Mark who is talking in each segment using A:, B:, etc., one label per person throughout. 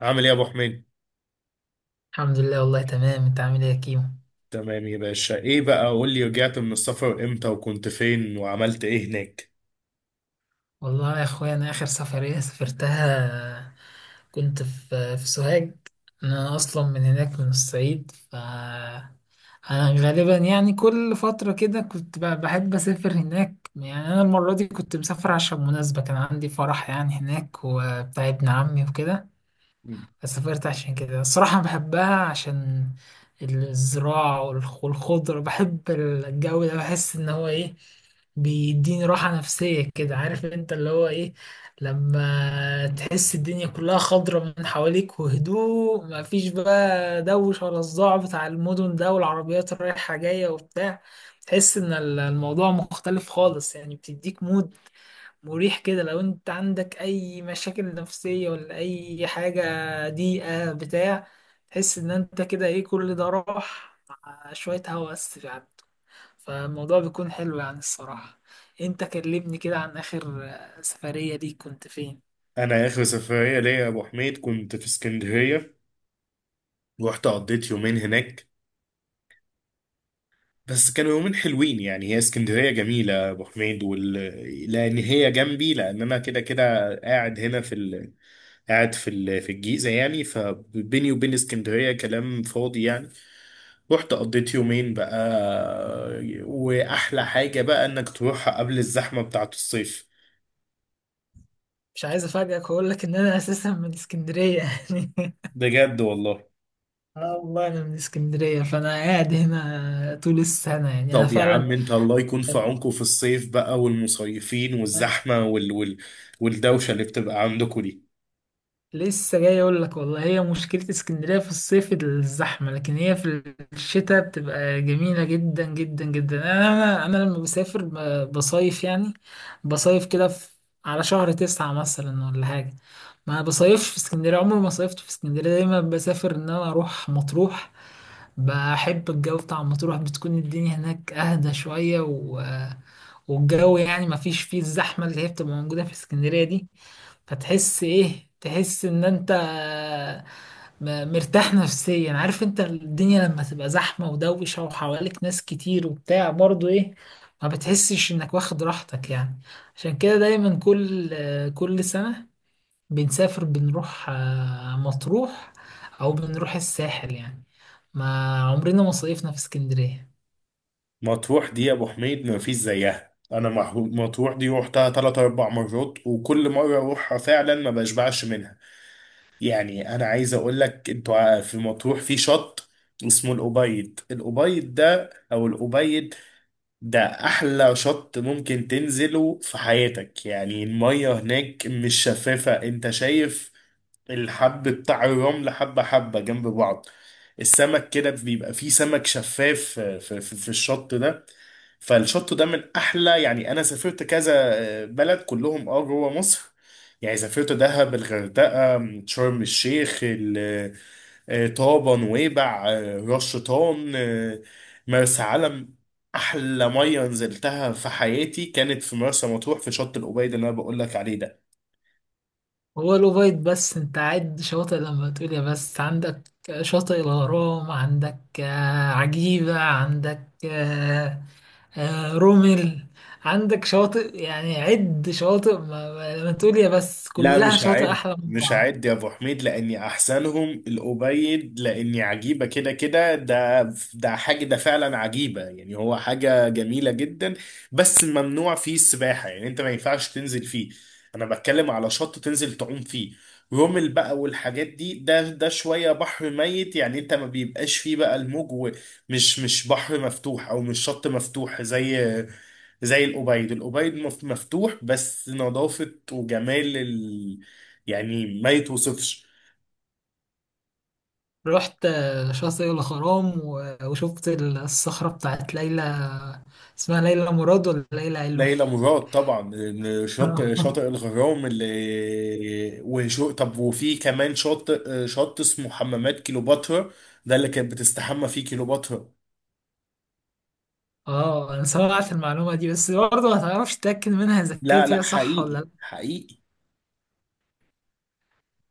A: عامل ايه يا ابو حميد؟
B: الحمد لله، والله تمام. انت عامل ايه يا كيمو؟
A: تمام يا باشا. ايه بقى، قول لي، رجعت من السفر امتى وكنت فين وعملت ايه هناك؟
B: والله يا اخويا، انا اخر سفرية سافرتها كنت في سوهاج. انا اصلا من هناك من الصعيد. انا غالبا يعني كل فترة كده كنت بحب اسافر هناك يعني. انا المرة دي كنت مسافر عشان مناسبة، كان عندي فرح يعني هناك وبتاع ابن عمي وكده. سافرت عشان كده الصراحة بحبها عشان الزراعة والخضرة. بحب الجو ده، بحس إن هو إيه بيديني راحة نفسية كده. عارف أنت اللي هو إيه، لما تحس الدنيا كلها خضرة من حواليك وهدوء، مفيش بقى دوش ولا صداع بتاع المدن ده والعربيات الرايحة جاية وبتاع. تحس إن الموضوع مختلف خالص يعني، بتديك مود مريح كده. لو انت عندك اي مشاكل نفسية ولا اي حاجة ضيقة بتاع، تحس ان انت كده ايه كل ده راح على شوية هوا بس يعني. فالموضوع بيكون حلو يعني الصراحة. انت كلمني كده عن اخر سفرية ليك، كنت فين؟
A: انا اخر سفرية ليا يا ابو حميد كنت في اسكندرية. رحت قضيت يومين هناك، بس كانوا يومين حلوين. هي اسكندرية جميلة يا ابو حميد، وال... لان هي جنبي، لان انا كده كده قاعد هنا في ال... قاعد في الجيزة، يعني فبيني وبين اسكندرية كلام فاضي يعني. رحت قضيت يومين بقى، وأحلى حاجة بقى إنك تروحها قبل الزحمة بتاعة الصيف.
B: مش عايز افاجئك واقول لك ان انا اساسا من اسكندرية يعني.
A: بجد والله؟
B: اه والله، انا من اسكندرية، فانا قاعد هنا طول السنة يعني انا
A: طب يا عم
B: فعلا.
A: انت الله يكون في عونكم في الصيف بقى، والمصيفين والزحمة وال... وال... والدوشة اللي بتبقى عندكم دي.
B: لسه جاي اقول لك والله، هي مشكلة اسكندرية في الصيف الزحمة، لكن هي في الشتاء بتبقى جميلة جدا جدا جدا. انا لما بسافر بصيف يعني، بصيف كده في على شهر 9 مثلا ولا حاجة، ما بصيفش في اسكندرية، عمري ما صيفت في اسكندرية، دايما بسافر ان انا اروح مطروح. بحب الجو بتاع مطروح، بتكون الدنيا هناك اهدى شوية والجو يعني ما فيش فيه الزحمة اللي هي بتبقى موجودة في اسكندرية دي. فتحس ايه، تحس ان انت مرتاح نفسيا. عارف انت، الدنيا لما تبقى زحمة ودوشة وحواليك ناس كتير وبتاع برضو ايه، ما بتحسش انك واخد راحتك يعني. عشان كده دايما كل سنة بنسافر، بنروح مطروح او بنروح الساحل يعني. ما عمرنا ما صيفنا في اسكندرية.
A: مطروح دي يا ابو حميد ما فيش زيها، انا مطروح دي روحتها تلات اربع مرات، وكل مرة اروحها فعلا ما بشبعش منها. يعني انا عايز اقول لك انتوا في مطروح في شط اسمه الأبيض، الأبيض ده او الأبيض ده احلى شط ممكن تنزله في حياتك. يعني المية هناك مش شفافة، انت شايف الحب بتاع الرمل حبة حبة جنب بعض، السمك كده بيبقى فيه سمك شفاف في الشط ده. فالشط ده من أحلى، يعني أنا سافرت كذا بلد كلهم أه جوه مصر. يعني سافرت دهب، الغردقة، شرم الشيخ، طابة، نويبع، راس شيطان، مرسى علم. أحلى مية نزلتها في حياتي كانت في مرسى مطروح في شط القبيد اللي أنا بقول لك عليه ده.
B: هو لوفايت، بس انت عد شواطئ لما تقول يا بس، عندك شاطئ الغرام، عندك عجيبة، عندك رومل. عندك شواطئ يعني، عد شواطئ ما لما تقول يا بس،
A: لا،
B: كلها
A: مش
B: شواطئ
A: هعد
B: أحلى من
A: مش
B: بعض.
A: هعد يا ابو حميد، لاني احسنهم الأبيد، لاني عجيبه كده كده ده. ده حاجه ده فعلا عجيبه، يعني هو حاجه جميله جدا. بس ممنوع فيه السباحه، يعني انت ما ينفعش تنزل فيه. انا بتكلم على شط تنزل تعوم فيه، رمل بقى والحاجات دي. ده ده شويه بحر ميت، يعني انت ما بيبقاش فيه بقى الموج، ومش مش بحر مفتوح او مش شط مفتوح زي زي الأوبايد. الأوبايد مفتوح، بس نظافة وجمال ال... يعني ما يتوصفش.
B: رحت شاطئ الغرام وشفت الصخرة بتاعت ليلى. اسمها ليلى مراد ولا ليلى علوي؟
A: ليلى مراد طبعا. شاطئ الغرام اللي وشو، طب وفي كمان شاطئ شط اسمه حمامات كيلوباترا، ده اللي كانت بتستحمى فيه كيلوباترا.
B: اه، انا سمعت المعلومة دي بس برضه ما تعرفش تتأكد منها اذا
A: لا
B: كانت
A: لا،
B: هي صح
A: حقيقي
B: ولا.
A: حقيقي.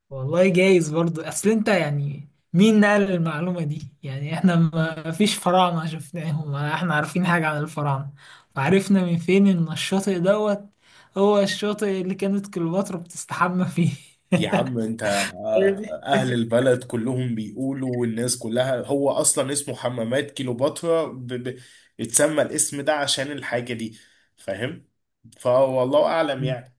B: والله جايز برضو. اصل انت يعني مين نقل المعلومة دي يعني، احنا ما فيش فراعنة شفناهم ولا احنا عارفين حاجة عن الفراعنة. فعرفنا من فين ان الشاطئ دوت هو الشاطئ اللي كانت كليوباترا بتستحمى فيه؟
A: يا عم انت اهل البلد كلهم بيقولوا، والناس كلها هو اصلا اسمه حمامات كيلوباترا ب... ب... اتسمى الاسم ده عشان الحاجة دي، فاهم؟ فوالله اعلم يعني.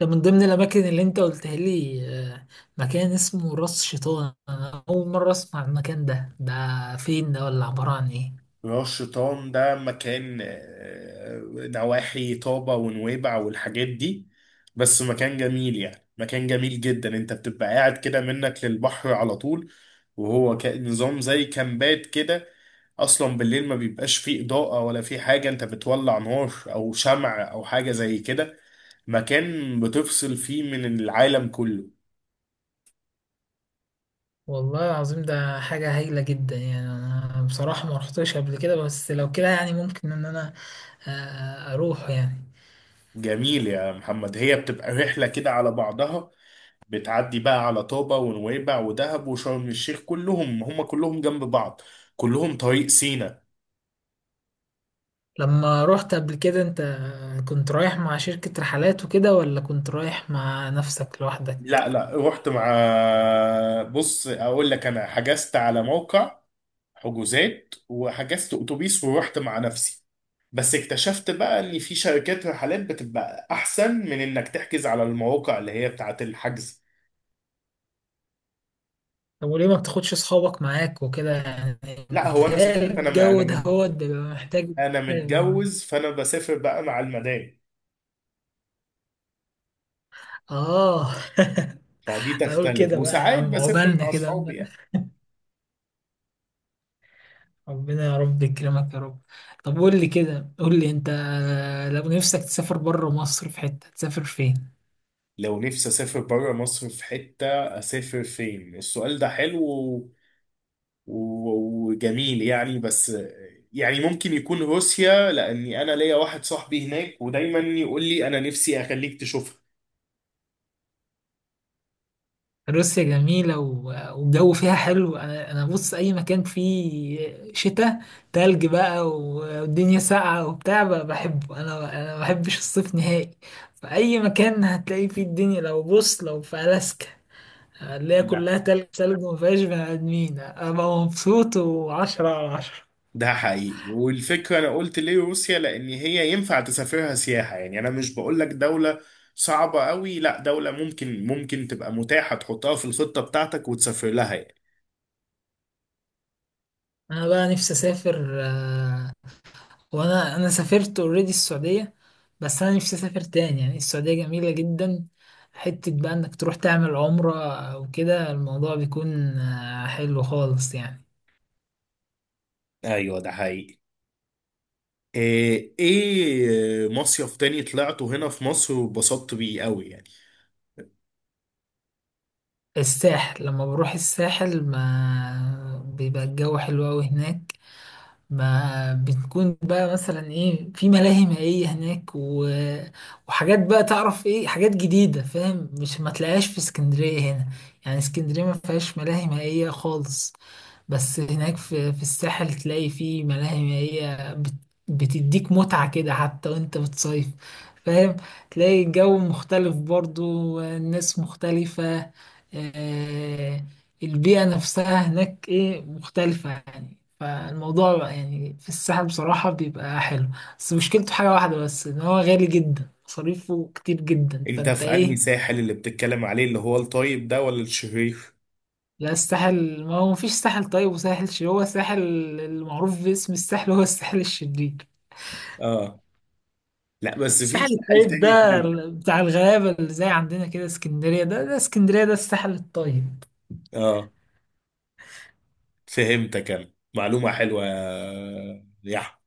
B: ده من ضمن الأماكن اللي أنت قلتها لي آه، مكان اسمه راس شيطان. أنا أول مرة أسمع المكان ده فين ده ولا عبارة عن إيه؟
A: راس شيطان ده مكان نواحي طابة ونويبع والحاجات دي، بس مكان جميل، يعني مكان جميل جدا. انت بتبقى قاعد كده منك للبحر على طول، وهو نظام زي كامبات كده. اصلا بالليل ما بيبقاش فيه اضاءة ولا فيه حاجة، انت بتولع نار او شمع او حاجة زي كده. مكان بتفصل فيه من العالم كله.
B: والله العظيم ده حاجة هايلة جدا يعني. أنا بصراحة ما رحتش قبل كده بس لو كده يعني ممكن إن أنا أروح يعني.
A: جميل يا محمد. هي بتبقى رحلة كده على بعضها، بتعدي بقى على طابة ونويبع ودهب وشرم الشيخ، كلهم هم كلهم جنب بعض، كلهم طريق سينا.
B: لما رحت قبل كده أنت، كنت رايح مع شركة رحلات وكده ولا كنت رايح مع نفسك لوحدك؟
A: لا لا، رحت مع، بص اقول لك، انا حجزت على موقع حجوزات وحجزت اتوبيس ورحت مع نفسي. بس اكتشفت بقى ان في شركات رحلات بتبقى احسن من انك تحجز على المواقع اللي هي بتاعت الحجز.
B: طب وليه ما بتاخدش أصحابك معاك وكده يعني؟
A: لا، هو انا
B: متهيألي
A: سافرت،
B: الجو ده هو بيبقى محتاج.
A: انا متجوز، فانا بسافر بقى مع المدام.
B: آه.
A: فدي
B: أقول
A: تختلف،
B: كده بقى يا
A: وساعات
B: عم،
A: بسافر
B: عقبالنا
A: مع
B: كده،
A: اصحابي.
B: ربنا يا رب يكرمك يا رب. طب قول لي كده، قول لي انت، لو نفسك تسافر بره مصر في حتة تسافر فين؟
A: لو نفسي اسافر بره مصر في حتة اسافر فين؟ السؤال ده حلو وجميل يعني. بس يعني ممكن يكون روسيا، لاني انا ليا واحد صاحبي هناك ودايما يقول لي انا نفسي اخليك تشوفها.
B: روسيا جميلة والجو فيها حلو. انا بص، اي مكان فيه شتاء تلج بقى والدنيا ساقعة وبتاع بحبه. انا ما بحبش الصيف نهائي. فاي مكان هتلاقي فيه الدنيا، لو بص، لو في الاسكا اللي هي
A: لا
B: كلها تلج تلج وما فيهاش بني ادمين، ابقى مبسوط وعشرة على عشرة.
A: ده حقيقي. والفكرة انا قلت ليه روسيا لان هي ينفع تسافرها سياحة، يعني انا مش بقول لك دولة صعبة قوي، لا دولة ممكن تبقى متاحة تحطها في الخطة بتاعتك وتسافر لها يعني.
B: انا بقى نفسي اسافر وانا سافرت اوريدي السعوديه. بس انا نفسي اسافر تاني يعني، السعوديه جميله جدا. حته بقى انك تروح تعمل عمره او كده، الموضوع بيكون حلو خالص يعني.
A: ايوه ده حقيقي. ايه إيه مصيف تاني طلعته هنا في مصر واتبسطت بيه قوي يعني.
B: الساحل، لما بروح الساحل، ما بيبقى الجو حلو قوي هناك. ما بتكون بقى مثلا ايه في ملاهي مائية هناك وحاجات بقى، تعرف ايه، حاجات جديدة فاهم، مش ما تلاقيهاش في اسكندرية هنا. يعني اسكندرية ما فيهاش ملاهي مائية خالص. بس هناك في الساحل تلاقي في ملاهي مائية بتديك متعة كده حتى وانت بتصيف. فاهم، تلاقي الجو مختلف برضو، الناس مختلفة آه، البيئة نفسها هناك ايه مختلفة يعني، فالموضوع بقى يعني، في الساحل بصراحة بيبقى حلو. بس مشكلته حاجة واحدة بس، ان هو غالي جدا، مصاريفه كتير جدا،
A: انت
B: فانت
A: في انهي
B: ايه.
A: ساحل اللي بتتكلم عليه، اللي هو الطيب ده ولا الشرير؟
B: لا الساحل، ما هو مفيش ساحل طيب وساحل شرير، هو الساحل المعروف باسم الساحل هو الساحل الشرير.
A: اه. لا، بس في
B: الساحل
A: ساحل
B: الطيب
A: تاني
B: ده
A: طيب.
B: بتاع الغلابة، اللي زي عندنا كده اسكندرية. ده اسكندرية، ده الساحل الطيب.
A: اه، فهمتك. انا معلومة حلوة يا يحيى.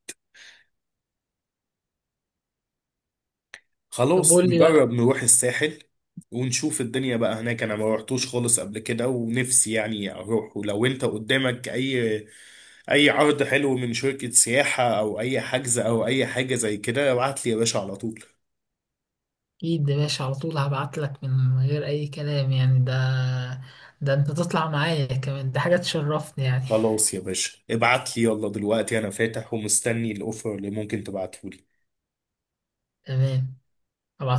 B: طب
A: خلاص،
B: قول لي
A: نجرب
B: بقى.
A: نروح الساحل ونشوف الدنيا بقى هناك. انا ما روحتوش خالص قبل كده، ونفسي يعني اروح. ولو انت قدامك اي عرض حلو من شركة سياحة او اي حجز او اي حاجة زي كده، ابعت لي يا باشا على طول.
B: اكيد يا باشا، على طول هبعت لك من غير اي كلام يعني. ده انت تطلع معايا كمان، ده حاجة تشرفني يعني.
A: خلاص يا باشا، ابعت لي يلا دلوقتي، انا فاتح ومستني الاوفر اللي ممكن تبعته لي.
B: تمام. هبعت.